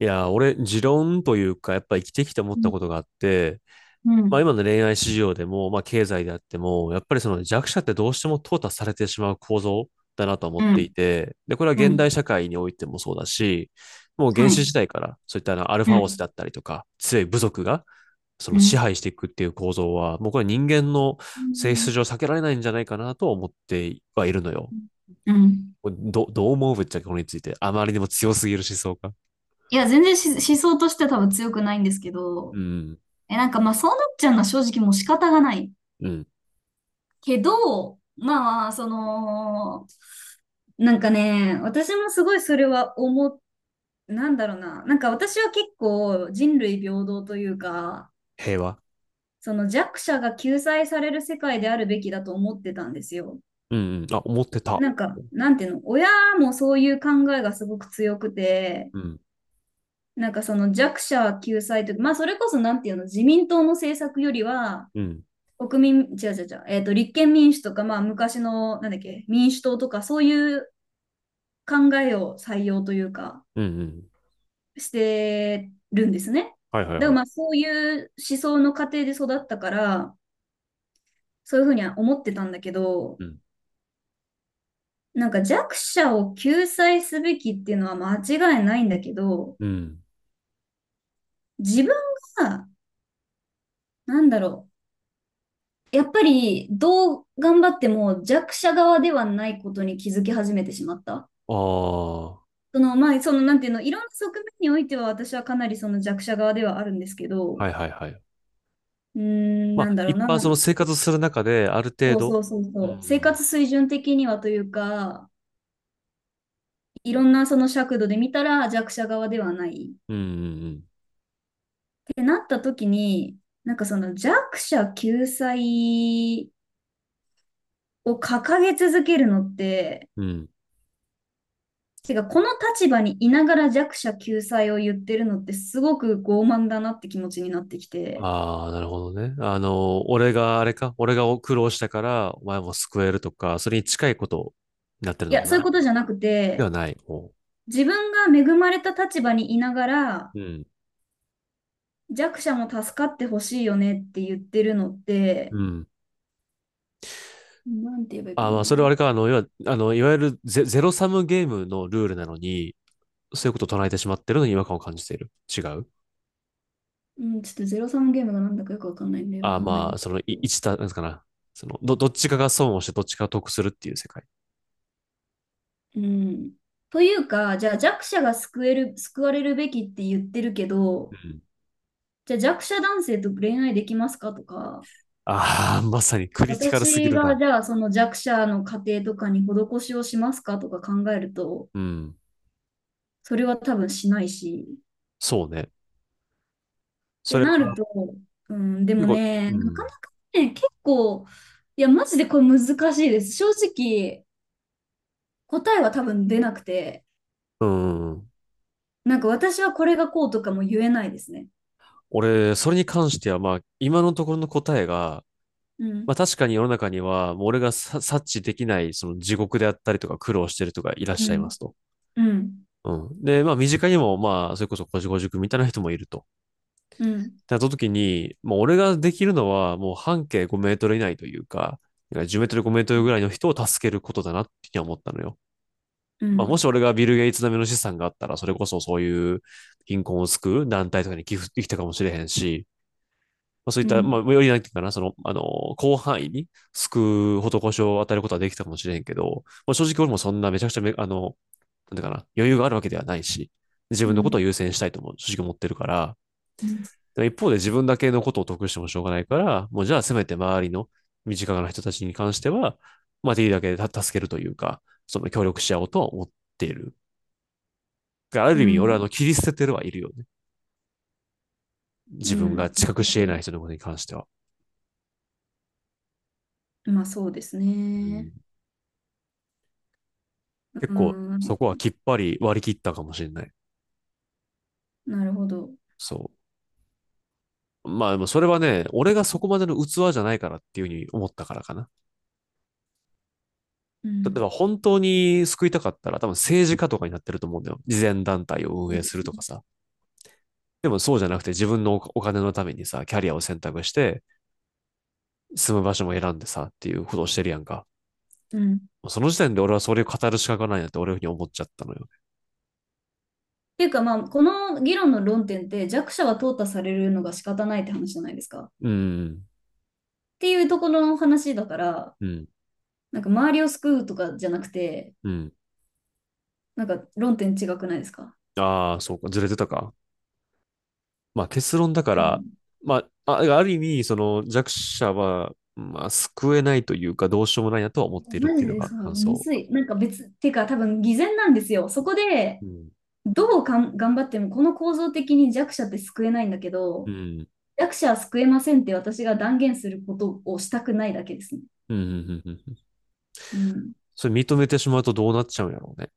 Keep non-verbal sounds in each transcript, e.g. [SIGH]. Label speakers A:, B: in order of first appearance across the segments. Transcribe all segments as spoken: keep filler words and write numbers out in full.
A: いや、俺、持論というか、やっぱ生きてきて思っ
B: う
A: た
B: ん。
A: ことがあって、
B: う
A: まあ
B: ん。
A: 今の恋愛市場でも、まあ経済であっても、やっぱりその弱者ってどうしても淘汰されてしまう構造だなと思
B: う
A: ってい
B: ん。
A: て、で、これは
B: う
A: 現
B: ん。
A: 代社会においてもそうだし、もう原
B: は
A: 始
B: い。
A: 時代からそういったあのアルフ
B: う
A: ァオス
B: ん。
A: だったりとか、強い部族がそ
B: う
A: の支
B: ん。
A: 配していくっていう構造は、もうこれは人間の
B: う
A: 性質
B: ん。
A: 上避けられないんじゃないかなと思ってはいるのよ。
B: うん。
A: ど、どう思うぶっちゃけこれについて。あまりにも強すぎる思想か。
B: いや、全然し思想としては多分強くないんですけ
A: う
B: ど、
A: ん、
B: え、なんかまあそうなっちゃうのは正直もう仕方がない
A: うん、
B: けど、まあまあ、その、なんかね、私もすごいそれは思っなんだろうな、なんか私は結構人類平等というか、
A: 平和。
B: その弱者が救済される世界であるべきだと思ってたんですよ。
A: うんうん。あ、思ってた。
B: なんか、なんていうの、親もそういう考えがすごく強くて、
A: うん。
B: なんかその弱者救済とか、まあそれこそなんていうの、自民党の政策よりは、
A: うん。
B: 国民、違う違う違う、えっ、と、立憲民主とか、まあ昔の、なんだっけ、民主党とか、そういう考えを採用というか、
A: うんうん。
B: してるんですね。
A: はいはい
B: だ
A: は
B: から
A: い。
B: まあそういう思想の過程で育ったから、そういうふうには思ってたんだけど、
A: うん。
B: なんか弱者を救済すべきっていうのは間違いないんだけど、
A: うん。
B: 自分が、なんだろう、やっぱりどう頑張っても弱者側ではないことに気づき始めてしまった。
A: ああ。
B: その、まあ、その、なんていうの、いろんな側面においては私はかなりその弱者側ではあるんですけど、
A: はいはいはい。
B: うーん、
A: ま
B: なん
A: あ、
B: だろう
A: 一
B: な。
A: 般その生活する中で、ある程
B: そう
A: 度。
B: そうそう
A: う
B: そう。生
A: ん。
B: 活水準的にはというか、いろんなその尺度で見たら弱者側ではない。っ
A: うんうん
B: てなった時に、なんかその弱者救済を掲げ続けるのって、
A: うん。うん。
B: てか、この立場にいながら弱者救済を言ってるのってすごく傲慢だなって気持ちになってきて、
A: ああ、なるほどね。あの、俺があれか、俺が苦労したから、お前も救えるとか、それに近いことになってる
B: い
A: のか
B: や、そういう
A: な。
B: ことじゃなく
A: では
B: て、
A: ない。ほ
B: 自分が恵まれた立場にいながら
A: う。うん。
B: 弱者も助かってほしいよねって言ってるのって、
A: うん。
B: なんて言えばいいか
A: あー、
B: な。
A: まあ、それはあれか、あの、要は、あの、いわゆるゼ、ゼロサムゲームのルールなのに、そういうことを唱えてしまってるのに違和感を感じている。違う。
B: うん、ちょっとゼロサムゲームがなんだかよくわかんないんで、わ
A: あ、
B: かんない
A: ま
B: で
A: あ、
B: す
A: その、い
B: けど。
A: 一た、なんですかな。その、ど、どっちかが損をしてどっちかが得するっていう世界。
B: うん。というか、じゃあ弱者が救える、救われるべきって言ってるけど、
A: うん。
B: じゃあ弱者男性と恋愛できますかとか、
A: ああ、まさにクリティカルすぎ
B: 私
A: る
B: が
A: な。
B: じゃあその弱者の家庭とかに施しをしますかとか考えると、
A: うん。
B: それは多分しないし。
A: そうね。
B: っ
A: そ
B: て
A: れ
B: なる
A: は
B: と、うん、で
A: 結
B: も
A: 構、
B: ね、
A: う
B: なかな
A: ん。
B: かね、結構、いや、マジでこれ難しいです。正直、答えは多分出なくて、
A: うん。
B: なんか私はこれがこうとかも言えないですね。
A: 俺、それに関しては、まあ、今のところの答えが、
B: うん。
A: まあ確かに世の中には、もう俺がさ察知できない、その地獄であったりとか苦労してるとかいらっし
B: う
A: ゃいま
B: ん。
A: すと。
B: うん。
A: うん。で、まあ身近にも、まあ、それこそこじこ塾みたいな人もいると。
B: うん。
A: なった時に、もう俺ができるのは、もう半径ごメートル以内というか、じゅうメートル5メート
B: う
A: ルぐ
B: ん。
A: らいの人を助けることだなって思ったのよ。
B: う
A: まあ、もし
B: ん。
A: 俺がビル・ゲイツ並みの資産があったら、それこそそういう貧困を救う団体とかに寄付できたかもしれへんし、まあ、そうい
B: う
A: った、まあ、
B: ん。
A: よりなんていうかな、その、あの、広範囲に救う施しを与えることはできたかもしれへんけど、まあ、正直俺もそんなめちゃくちゃめ、あの、なんていうかな、余裕があるわけではないし、自
B: う
A: 分のこと
B: ん。
A: を優先したいとも正直思ってるから、一方で自分だけのことを得してもしょうがないから、もうじゃあせめて周りの身近な人たちに関しては、まあ、できるだけ助けるというか、その協力し合おうとは思っている。あ
B: う
A: る意味、俺はあ
B: ん。
A: の切り捨ててるはいるよね。
B: う
A: 自分が
B: ん。
A: 近くし得ない人のことに関しては。
B: まあそうです
A: うん、
B: ね。
A: 結
B: う
A: 構、
B: ん。
A: そこはきっぱり割り切ったかもしれない。
B: なるほど。
A: そう。まあ、でもそれはね、俺がそこまでの器じゃないからっていうふうに思ったからかな。
B: う
A: 例え
B: ん。
A: ば本当に救いたかったら、多分政治家とかになってると思うんだよ。慈善団体を運
B: そう
A: 営
B: で
A: する
B: すね。
A: とかさ。でもそうじゃなくて自分のお金のためにさ、キャリアを選択して、住む場所も選んでさ、っていうことをしてるやんか。
B: うん。っ
A: その時点で俺はそれを語る資格がないなって俺ふうに思っちゃったのよ。
B: ていうか、まあ、この議論の論点って弱者は淘汰されるのが仕方ないって話じゃないですか。っ
A: うん、
B: ていうところの話だから、
A: うん、
B: なんか周りを救うとかじゃなくて、
A: うん。
B: なんか論点違くないですか？
A: ああ、そうか、ずれてたか。まあ結論だか
B: う
A: ら、
B: ん、
A: まあ、あある意味、その弱者は、まあ、救えないというか、どうしようもないなとは思っているっ
B: マ
A: て
B: ジ
A: いうの
B: で
A: が
B: さ、
A: 感
B: む
A: 想。
B: ずい。なんか別、ていうか多分偽善なんですよ。そこ
A: う
B: で
A: ん。
B: どうかん頑張ってもこの構造的に弱者って救えないんだけ
A: う
B: ど、
A: ん。
B: 弱者は救えませんって私が断言することをしたくないだけですね。
A: うん。うん。うん。
B: うん。
A: それ認めてしまうとどうなっちゃうんやろうね。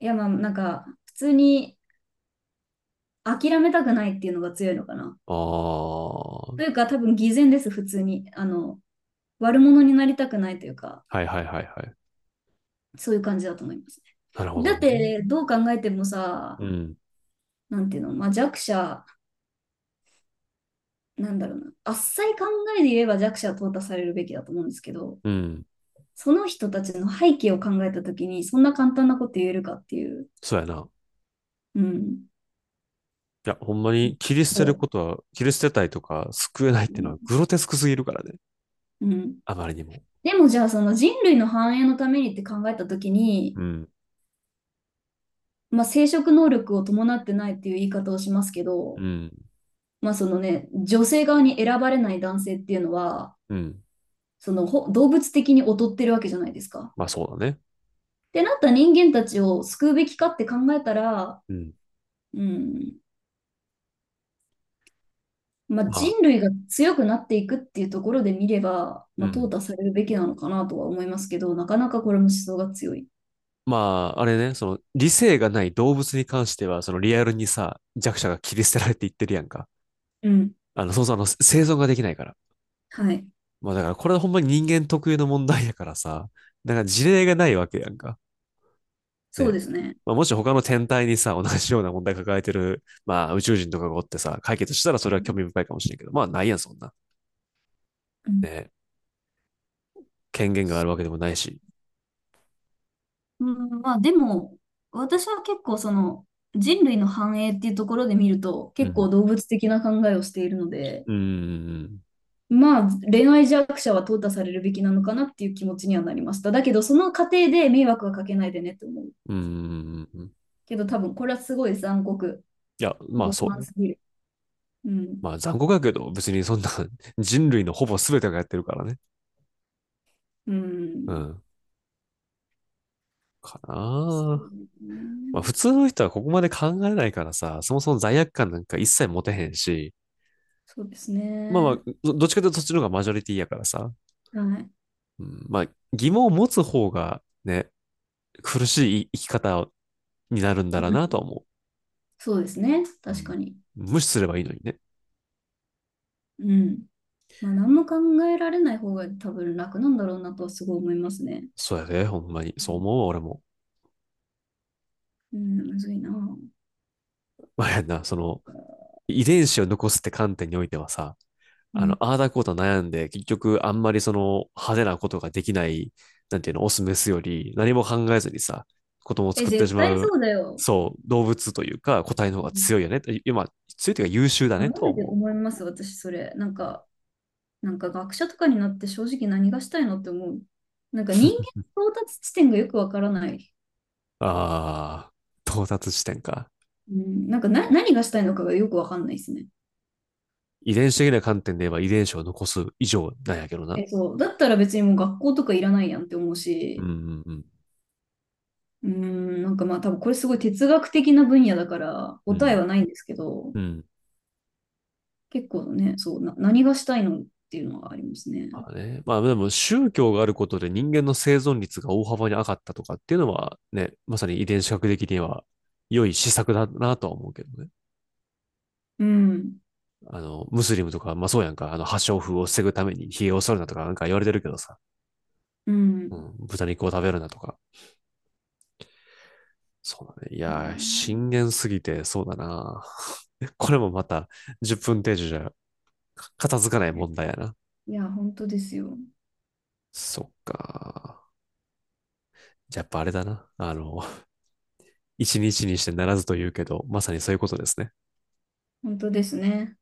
B: いや、まあ、なんか、普通に諦めたくないっていうのが強いのかな。
A: あ
B: と
A: あ。
B: いうか、多分偽善です、普通に。あの、悪者になりたくないというか、
A: はいはいはいはい。
B: そういう感じだと思います
A: なるほ
B: ね。だ
A: ど
B: っ
A: ね。
B: て、どう考えてもさ、
A: うん。
B: なんていうの、まあ、弱者、なんだろうな、あっさい考えで言えば弱者は淘汰されるべきだと思うんですけど、
A: うん。
B: その人たちの背景を考えたときに、そんな簡単なこと言えるかっていう。
A: そうやな。
B: うん。
A: いや、ほんまに切り捨てるこ
B: そ
A: とは、切り捨てたいとか救えないっ
B: う。
A: てい
B: う
A: うのは
B: ん。
A: グロテスクすぎるからね。
B: うん。
A: あまりにも。
B: でもじゃあその人類の繁栄のためにって考えたときに、
A: うん。
B: まあ、生殖能力を伴ってないっていう言い方をしますけど、
A: うん。
B: まあそのね、女性側に選ばれない男性っていうのは、
A: うん。
B: そのほ動物的に劣ってるわけじゃないですか。
A: まあそうだね。
B: ってなった人間たちを救うべきかって考えたら、
A: うん。
B: うん、まあ、
A: まあ、
B: 人類が強くなっていくっていうところで見れば、
A: う
B: まあ、淘
A: ん。
B: 汰されるべきなのかなとは思いますけど、なかなかこれも思想が強い。
A: まあ、あれね、その理性がない動物に関しては、そのリアルにさ、弱者が切り捨てられていってるやんか。
B: うん。
A: あの、そうそう、あの、生存ができないから。
B: はい。
A: まあだからこれはほんまに人間特有の問題やからさ、だから事例がないわけやんか。
B: そう
A: ね。
B: ですね。
A: まあ、もし他の天体にさ、同じような問題抱えてる、まあ、宇宙人とかがおってさ、解決したらそれは興味深いかもしれんけど、まあ、ないやん、そんな。
B: うん。
A: ね。権限があるわけでもないし。
B: うん、まあでも、私は結構その人類の繁栄っていうところで見ると
A: う
B: 結構
A: ん。
B: 動物的な考えをしているので、
A: うーん。
B: まあ恋愛弱者は淘汰されるべきなのかなっていう気持ちにはなりました。だけどその過程で迷惑はかけないでねと思う。
A: うーん。
B: けど多分これはすごい残酷、
A: いや、まあ、
B: 極
A: そう
B: 端
A: よ。
B: すぎる。うん。
A: まあ、残酷だけど、別にそんな [LAUGHS] 人類のほぼ全てがやってるからね。
B: う
A: う
B: ん。
A: ん。かな
B: そ
A: ぁ。
B: う
A: まあ、
B: ね。
A: 普通の人はここまで考えないからさ、そもそも罪悪感なんか一切持てへんし、
B: そうです
A: まあまあ、
B: ね。
A: どどっちかというとそっちの方がマジョリティやからさ、
B: はい。
A: うん、まあ、疑問を持つ方がね、苦しい生き方になるんだろう
B: うん。
A: なとは思
B: そうですね。
A: う。う
B: 確か
A: ん、
B: に。
A: 無視すればいいのにね。
B: うん。まあ、何も考えられない方が多分楽なんだろうなとはすごい思いますね。
A: そうやで、ほんまに。そ
B: う
A: う
B: ん。
A: 思うわ俺も。
B: うん、むずいな。
A: まあ、やんな、その、遺伝子を残すって観点においてはさ、
B: う
A: あの、
B: ん。
A: ああだこうと悩んで、結局あんまりその派手なことができない、なんていうの、オスメスより何も考えずにさ、子供を
B: え、
A: 作って
B: 絶
A: しま
B: 対そ
A: う、
B: うだよ。
A: そう、動物というか個体の方
B: う
A: が強
B: ん。
A: いよね。今、強いというか優秀だ
B: いや
A: ねと
B: マ
A: は
B: ジで
A: 思
B: 思います、私、それ。なん
A: う。うん。
B: か、なんか学者とかになって正直何がしたいのって思う。なんか人間の到達地点がよくわからない。
A: ああ、到達地点か。
B: うん、なんかな、何がしたいのかがよくわかんないですね。
A: 遺伝子的な観点で言えば遺伝子を残す以上なんやけどな。
B: え、そう。だったら別にもう学校とかいらないやんって思う
A: うんう
B: し、
A: んうん。
B: うーん、なんかまあ多分これすごい哲学的な分野だから
A: う
B: 答え
A: ん
B: はないんですけど、
A: うん。
B: 結構ね、そう、な、何がしたいのっていうのがありますね。
A: まあね。まあでも宗教があることで人間の生存率が大幅に上がったとかっていうのはね、まさに遺伝子学的には良い施策だなとは思うけどね。
B: うん。
A: あの、ムスリムとか、まあそうやんか、あの、破傷風を防ぐために髭を剃るなとかなんか言われてるけどさ。
B: う
A: う
B: ん。
A: ん、豚肉を食べるなとか。そうだね。い
B: そうだ
A: やー、深
B: ね。
A: 淵すぎてそうだな。[LAUGHS] これもまたじゅっぷん程度じゃ片付かない問題やな。
B: いや、本当ですよ。
A: そっか。じゃあやっぱあれだな。あの、[LAUGHS] 一日にしてならずと言うけど、まさにそういうことですね。
B: 本当ですね。